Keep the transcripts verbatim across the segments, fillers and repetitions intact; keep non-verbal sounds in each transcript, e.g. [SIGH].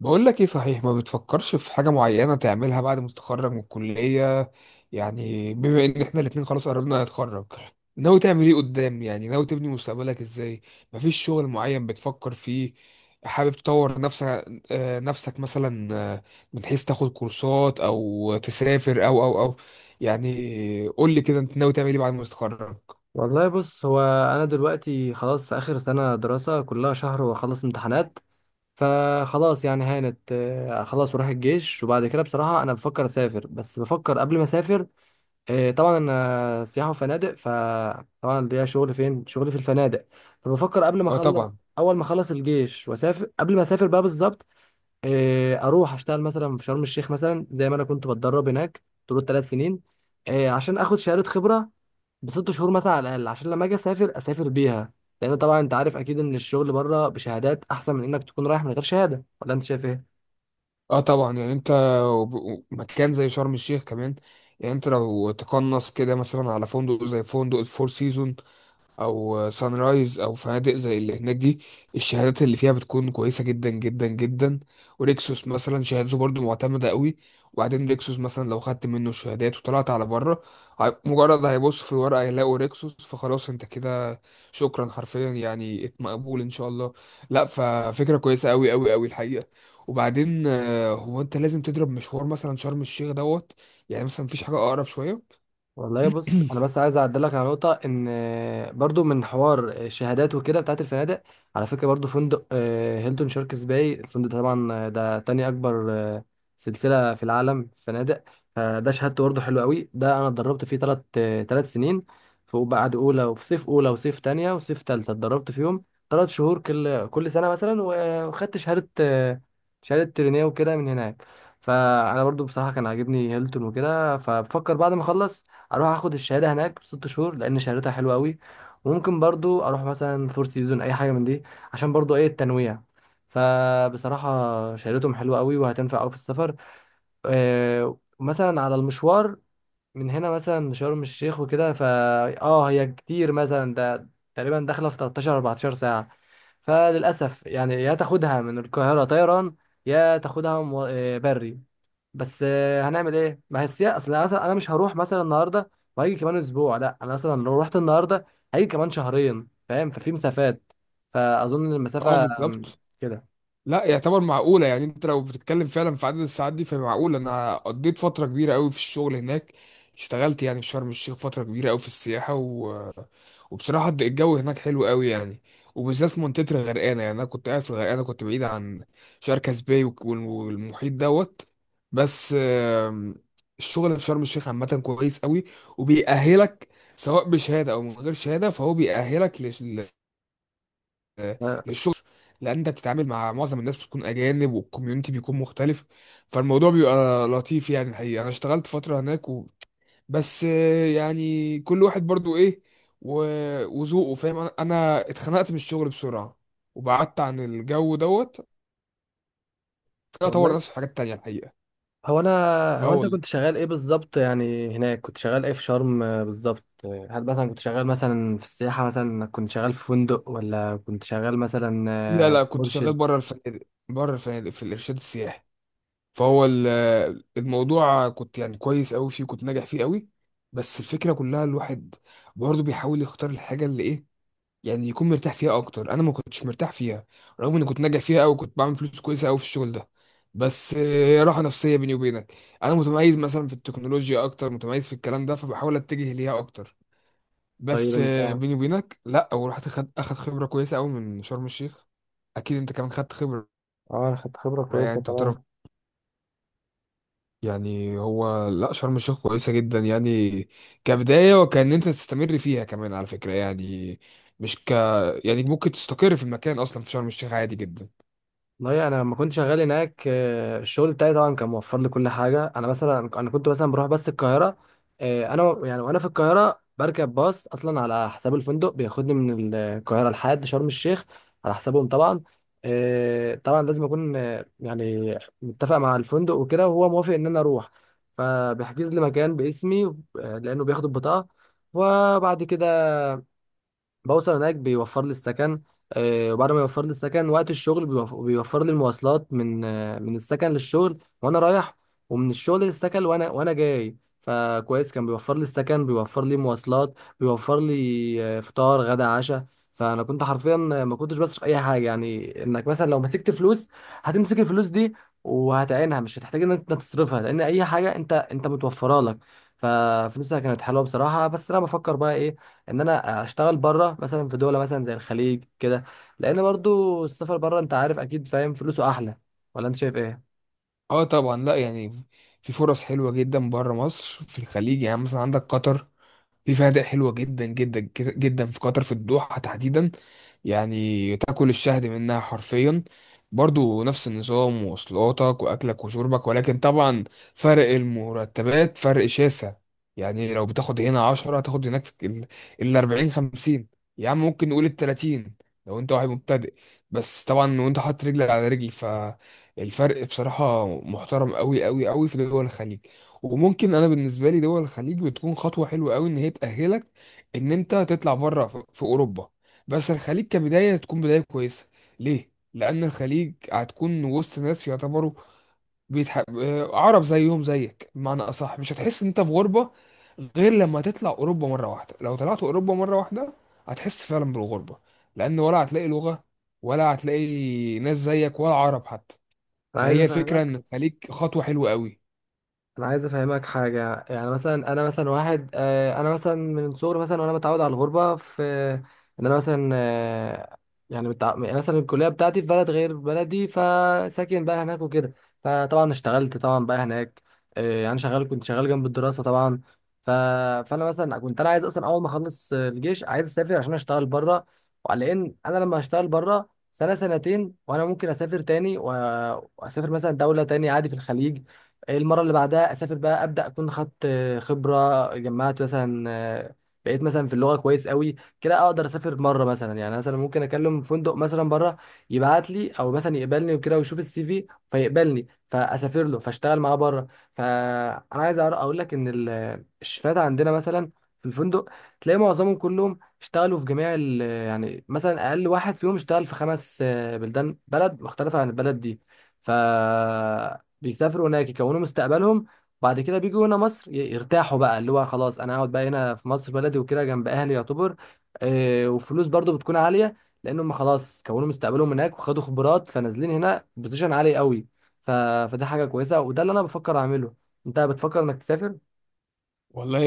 بقول لك ايه، صحيح ما بتفكرش في حاجة معينة تعملها بعد ما تتخرج من الكلية؟ يعني بما ان احنا الاتنين خلاص قربنا نتخرج، ناوي تعمل ايه قدام؟ يعني ناوي تبني مستقبلك ازاي؟ مفيش شغل معين بتفكر فيه؟ حابب تطور نفسك؟ آه، نفسك مثلا. آه، من حيث تاخد كورسات او تسافر او او او. يعني قول لي كده، انت ناوي تعمل ايه بعد ما تتخرج؟ والله بص هو انا دلوقتي خلاص في اخر سنه دراسه كلها شهر واخلص امتحانات. فخلاص يعني هانت، آه، خلاص وراح الجيش. وبعد كده بصراحه انا بفكر اسافر، بس بفكر قبل ما اسافر. آه، طبعا انا سياحه وفنادق، فطبعا ليا شغل، فين شغلي؟ في الفنادق. فبفكر قبل ما اه اخلص، طبعا. اول ما اخلص الجيش واسافر، قبل ما اسافر بقى بالظبط، آه، اروح اشتغل مثلا في شرم الشيخ، مثلا زي ما انا كنت بتدرب هناك طول التلات سنين، آه، عشان اخد شهاده خبره بست شهور مثلا على الاقل، عشان لما اجي اسافر اسافر بيها. لان طبعا انت عارف اكيد ان الشغل بره بشهادات احسن من انك تكون رايح من غير شهاده، ولا انت شايف ايه؟ اه طبعا، يعني انت وب- مكان زي شرم الشيخ كمان، يعني انت لو تقنص كده مثلا على فندق زي فندق الفور سيزون او سان رايز او فنادق زي اللي هناك دي، الشهادات اللي فيها بتكون كويسه جدا جدا جدا. وريكسوس مثلا شهادته برضو معتمده قوي. وبعدين ريكسوس مثلا لو خدت منه الشهادات وطلعت على بره، هي- مجرد هيبص في الورقه يلاقوا ريكسوس فخلاص انت كده، شكرا حرفيا. يعني ات- مقبول ان شاء الله. لا، ففكره كويسه قوي قوي قوي الحقيقه. وبعدين آه، هو انت لازم تضرب مشوار مثلا شرم الشيخ دوت؟ يعني مثلا مفيش حاجه اقرب شويه؟ والله بص، انا بس عايز اعدلك على نقطه ان آه، برضو من حوار الشهادات وكده بتاعت الفنادق، على فكره برضو فندق آه، هيلتون شاركس باي، الفندق ده طبعا، آه، ده تاني اكبر آه، سلسله في العالم في فنادق. فده شهادته برضو حلو قوي. ده انا اتدربت فيه ثلاث ثلاث سنين، في بعد اولى وفي صيف اولى وصيف تانية وصيف تالتة اتدربت فيهم تلات شهور كل كل سنه مثلا. و- وخدت شهاده، آه، شهاده ترينيه وكده من هناك. فانا برضو بصراحه كان عاجبني هيلتون وكده، فبفكر بعد ما اخلص اروح اخد الشهاده هناك بست شهور، لان شهادتها حلوه قوي. وممكن برضو اروح مثلا فور سيزون، اي حاجه من دي، عشان برضو ايه، التنويع. فبصراحه شهادتهم حلوه قوي وهتنفع قوي في السفر. آه، مثلا على المشوار من هنا مثلا لشرم الشيخ وكده، فا اه هي كتير مثلا، ده تقريبا داخله في تلتاشر اربعتاشر ساعه. فللاسف يعني يا تاخدها من القاهره طيران، يا تاخدها مو- آه، بري. بس آه، هنعمل ايه، ما هي السياسه. اصل انا مثلا، انا مش هروح مثلا النهارده وهيجي كمان اسبوع، لا انا مثلا لو رحت النهارده هيجي كمان شهرين، فاهم؟ ففي مسافات، فاظن اه المسافه آم، بالظبط. كده. لا، يعتبر معقولة. يعني انت لو بتتكلم فعلا في عدد الساعات دي فهي معقولة. انا قضيت فترة كبيرة قوي في الشغل هناك، اشتغلت يعني في شرم الشيخ فترة كبيرة قوي في السياحة و... وبصراحة الجو هناك حلو قوي يعني. وبالذات في منطقة الغرقانة، يعني انا كنت قاعد في الغرقانة، كنت بعيد عن شركة سباي وك- وال- والمحيط دوت. بس آم، الشغل في شرم الشيخ عامة كويس قوي وبيأهلك، سواء بشهادة او من غير شهادة فهو بيأهلك آه، الشغل. لان انت بتتعامل مع معظم الناس بتكون اجانب والكوميونتي بيكون مختلف، فالموضوع بيبقى لطيف يعني. الحقيقه انا اشتغلت فتره هناك و... بس آه، يعني كل واحد برضو ايه و... وذوقه، فاهم. انا أنا اتخنقت من الشغل بسرعه، وبعدت عن الجو دوت. أنا اطور والله نفسي في حاجات تانية الحقيقه. هو انا اه هو انت والله، كنت شغال ايه بالظبط يعني هناك؟ كنت شغال ايه في شرم آه، بالظبط؟ آه، هل مثلا كنت شغال مثلا في السياحه، مثلا كنت شغال في فندق، ولا كنت شغال مثلا لا آه، لا، كنت شغال مرشد؟ بره الفنادق. بره الفنادق في الارشاد السياحي. فهو ال- الموضوع كنت يعني كويس قوي فيه، كنت ناجح فيه قوي. بس الفكره كلها الواحد برضه بيحاول يختار الحاجه اللي ايه، يعني يكون مرتاح فيها اكتر. انا ما كنتش مرتاح فيها رغم اني كنت ناجح فيها قوي، كنت بعمل فلوس كويسه قوي في الشغل ده. بس آه، راحه نفسيه، بيني وبينك. انا متميز مثلا في التكنولوجيا اكتر، متميز في الكلام ده فبحاول اتجه ليها اكتر. طيب بس آه، انت، بيني وبينك، لا. ورحت اخد اخد خبره كويسه قوي من شرم الشيخ. اكيد انت كمان خدت خبره. اه أنا خدت خبرة كويسة يعني تعتبر، تمام. يعني هو لا، شرم الشيخ كويسة جدا يعني كبداية، وكأن انت تستمر فيها كمان على فكرة يعني. مش ك يعني ممكن تستقر في المكان اصلا في شرم الشيخ عادي جدا. والله انا لما كنت شغال هناك آه، الشغل بتاعي طبعا كان موفر لي كل حاجه. انا مثلا، انا كنت مثلا بروح بس القاهره، آه، انا و- يعني وانا في القاهره بركب باص اصلا على حساب الفندق، بياخدني من القاهره لحد شرم الشيخ على حسابهم طبعا. آه، طبعا لازم اكون آه، يعني متفق مع الفندق وكده، وهو موافق ان انا اروح، فبيحجز لي مكان باسمي، آه، لانه بياخد البطاقه. وبعد كده بوصل هناك بيوفر لي السكن، آه، وبعد ما يوفر لي السكن، وقت الشغل بيوف- بيوفر لي المواصلات من آه، من السكن للشغل وانا رايح، ومن الشغل للسكن وانا وانا جاي. فكويس، كان بيوفر لي السكن، بيوفر لي مواصلات، بيوفر لي آه، فطار غدا عشاء. فانا كنت حرفيا ما كنتش بصرف اي حاجه. يعني انك مثلا لو مسكت فلوس هتمسك الفلوس دي وهتعينها، مش هتحتاج ان انت تصرفها، لان اي حاجه انت انت متوفره لك. ففلوسها كانت حلوه بصراحه. بس انا بفكر بقى ايه، ان انا اشتغل بره مثلا في دوله مثلا زي الخليج كده، لان برضو السفر بره انت عارف اكيد، فاهم، فلوسه احلى، ولا انت شايف ايه؟ اه طبعا لا، يعني في فرص حلوة جدا بره مصر في الخليج. يعني مثلا عندك قطر، في فنادق حلوة جدا جدا جد- جدا في قطر، في الدوحة تحديدا. يعني تاكل الشهد منها حرفيا. برضو نفس النظام ومواصلاتك وأكلك وشربك، ولكن طبعا فرق المرتبات فرق شاسع. يعني لو بتاخد هنا عشرة هتاخد هناك الأربعين خمسين، يا عم ممكن نقول التلاتين لو انت واحد مبتدئ. بس طبعا وانت حاطط رجل على رجل فالفرق بصراحة محترم قوي قوي قوي في دول الخليج. وممكن، انا بالنسبه لي دول الخليج بتكون خطوه حلوه قوي، ان هي تاهلك ان انت تطلع بره في في اوروبا. بس الخليج كبدايه تكون بدايه كويسه، ليه؟ لان الخليج هتكون وسط ناس يعتبروا بيتح... آه، عرب، زيهم زيك، بمعنى اصح مش هتحس ان انت في غربه، غير لما تطلع اوروبا مره واحده. لو طلعت اوروبا مره واحده هتحس فعلا بالغربه، لان ولا هتلاقي لغه ولا هتلاقي ناس زيك ولا عرب حتى. انا عايز فهي الفكره افهمك ان الخليج خطوه حلوه قوي. انا عايز افهمك حاجه. يعني مثلا انا مثلا واحد، آه، انا مثلا من صغري مثلا وانا متعود على الغربه، في ان انا مثلا آه، يعني متع... يعني مثلا الكليه بتاعتي في بلد غير بلدي، فساكن بقى هناك وكده، فطبعا اشتغلت طبعا بقى هناك. آه، يعني شغال، كنت شغال جنب الدراسه طبعا. ف... فانا مثلا كنت انا عايز اصلا اول ما اخلص آه، الجيش عايز اسافر عشان اشتغل بره، لان انا لما هشتغل بره سنه سنتين وانا ممكن اسافر تاني، و... واسافر مثلا دوله تاني عادي في الخليج. إيه المره اللي بعدها اسافر بقى ابدا، اكون خدت آه، خبره، جمعت مثلا، آه، بقيت مثلا في اللغه كويس قوي كده، اقدر اسافر مره مثلا. يعني مثلا ممكن اكلم فندق مثلا بره يبعت لي، او مثلا يقبلني وكده ويشوف السي في فيقبلني، فاسافر له فاشتغل معاه بره. فانا عايز أعر- اقول لك ان ال- الشفات عندنا مثلا في الفندق تلاقي معظمهم كلهم اشتغلوا في جميع ال- يعني مثلا اقل واحد فيهم اشتغل في خمس آه، بلدان، بلد مختلفه عن البلد دي. ف بيسافروا هناك يكونوا مستقبلهم، بعد كده بيجوا هنا مصر ي- يرتاحوا بقى، اللي هو خلاص انا اقعد بقى هنا في مصر بلدي وكده جنب اهلي، يعتبر آه، وفلوس برضو بتكون عالية، لان هم خلاص كونوا مستقبلهم هناك وخدوا خبرات، فنازلين هنا بوزيشن عالي قوي. ف... فده حاجة كويسة، وده اللي انا بفكر اعمله. انت بتفكر انك تسافر؟ والله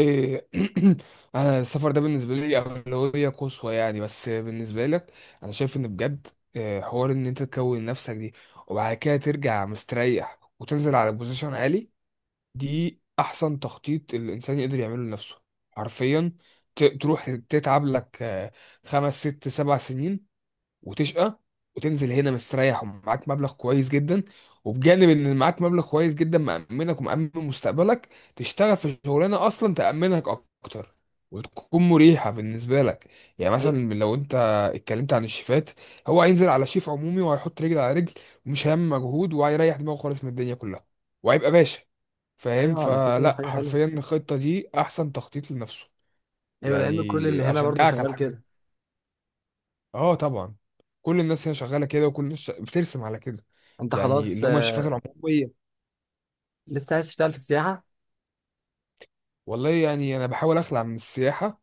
[CLEARS THROAT] انا السفر ده بالنسبه لي اولويه قصوى يعني. بس بالنسبه لك، انا شايف ان بجد آه، حوار ان انت تكون نفسك دي، وبعد كده ترجع مستريح وتنزل على بوزيشن عالي، دي احسن تخطيط الانسان يقدر يعمله لنفسه، حرفيا. ت- تروح تتعب لك آه، خمس ست سبع سنين وتشقى، وتنزل هنا مستريح ومعاك مبلغ كويس جدا. وبجانب ان معاك مبلغ كويس جدا مأمنك ومأمن مستقبلك، تشتغل في شغلانه اصلا تأمنك اكتر وتكون مريحه بالنسبه لك. يعني أي- مثلا لو انت اتكلمت عن الشيفات، هو هينزل على شيف عمومي وهيحط رجل على رجل ومش هيعمل مجهود وهيريح دماغه خالص من الدنيا كلها، وهيبقى باشا. فاهم؟ ايوه على فكرة فلا، حاجة حلوة. حرفيا الخطه دي احسن تخطيط لنفسه. ايوه لان كل اللي يعني هنا برضو اشجعك على شغال حاجه. كده. اه طبعا. كل الناس هنا شغاله كده، وكل الناس ش- بترسم على كده، انت يعني خلاص اللي هم آه، الشيفات العموميه. لسه عايز تشتغل في السياحة؟ والله يعني انا بحاول اخلع من السياحه،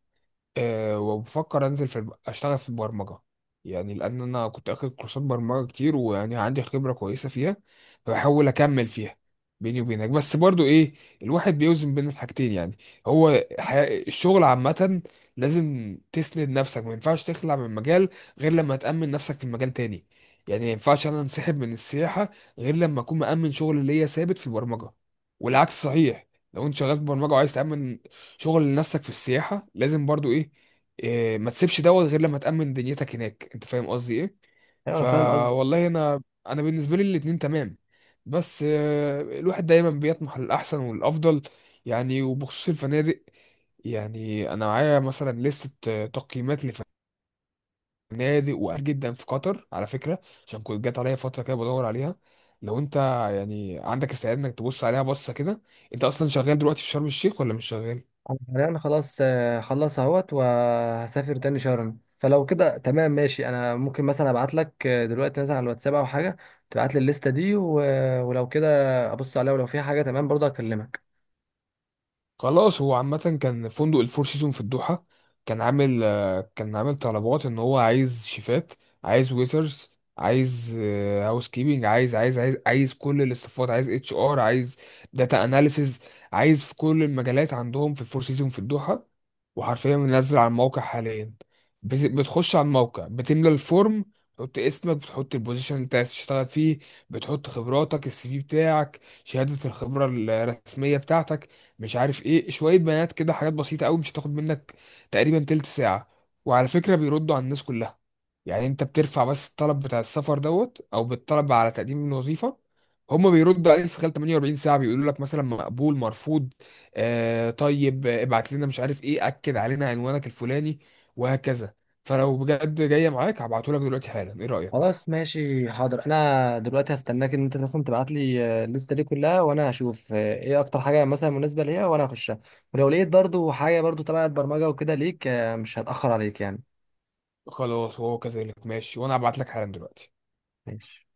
أه، وبفكر انزل في الب- اشتغل في البرمجه. يعني لان انا كنت اخد كورسات برمجه كتير، ويعني عندي خبره كويسه فيها فبحاول اكمل فيها، بيني وبينك. بس برضو ايه، الواحد بيوزن بين الحاجتين يعني. هو حي... الشغل عامه لازم تسند نفسك، ما ينفعش تخلع من مجال غير لما تأمن نفسك في مجال تاني. يعني ما ينفعش انا انسحب من السياحه غير لما اكون مأمن شغل ليا ثابت في البرمجه. والعكس صحيح، لو انت شغال في برمجه وعايز تأمن شغل لنفسك في السياحة، لازم برضو ايه، إيه، ما تسيبش دوت غير لما تأمن دنيتك هناك. انت فاهم قصدي ايه؟ ايوه انا فاهم قصدك. فوالله انا، انا بالنسبة لي الاتنين تمام. بس آه، الواحد دايما بيطمح للأحسن والأفضل. يعني وبخصوص الفنادق، يعني انا معايا مثلا لستة آه، تقييمات لفنادق وقال جدا في قطر على فكرة، عشان كنت جات عليا فترة كده بدور عليها. لو انت يعني عندك استعداد انك تبص عليها بصة كده، انت اصلا شغال دلوقتي في شرم الشيخ ولا مش شغال؟ يعني انا حاليا خلاص آه، خلص اهوت وهسافر تاني شرم، فلو كده تمام ماشي، انا ممكن مثلا ابعت لك آه، دلوقتي مثلا على الواتساب او حاجه، تبعت لي الليسته دي و... ولو كده ابص عليها، ولو في حاجه تمام برضه اكلمك. خلاص. هو عامة كان فندق الفور سيزون في الدوحة كان عامل آه، كان عامل طلبات ان هو عايز شيفات، عايز ويترز، عايز هاوس كيبنج، عايز عايز عايز عايز كل الاستفاضة، عايز اتش ار، عايز داتا اناليسز، عايز في كل المجالات عندهم في الفور سيزون في الدوحة، وحرفيا منزل على الموقع حاليا. بت- بتخش على الموقع، بتملى الفورم، بتحط اسمك، بتحط البوزيشن اللي انت عايز تشتغل فيه، بتحط خبراتك، السي في بتاعك، شهادة الخبرة الرسمية بتاعتك، مش عارف ايه، شوية بيانات كده، حاجات بسيطة قوي مش هتاخد منك تقريبا تلت ساعة. وعلى فكرة بيردوا على الناس كلها. يعني انت بترفع بس الطلب بتاع السفر دوت او بالطلب على تقديم الوظيفة، هما بيردوا عليك في خلال ثمانية واربعين ساعة، بيقولوا لك مثلا مقبول، مرفوض، آه طيب، آه، ابعت لنا مش عارف ايه، اكد علينا عنوانك الفلاني، وهكذا. فلو بجد جاية معاك هبعته لك دلوقتي حالا، ايه رأيك؟ خلاص ماشي حاضر، انا دلوقتي هستناك ان انت مثلا تبعت لي آه، الليسته دي كلها، وانا هشوف آه، ايه اكتر حاجه مثلا مناسبه ليا وانا هخشها. ولو لقيت برضه حاجه برضه تبع البرمجه وكده ليك آه، مش هتاخر عليك يعني. خلاص هو كذلك، ماشي، وانا هبعت لك حالا دلوقتي. ماشي.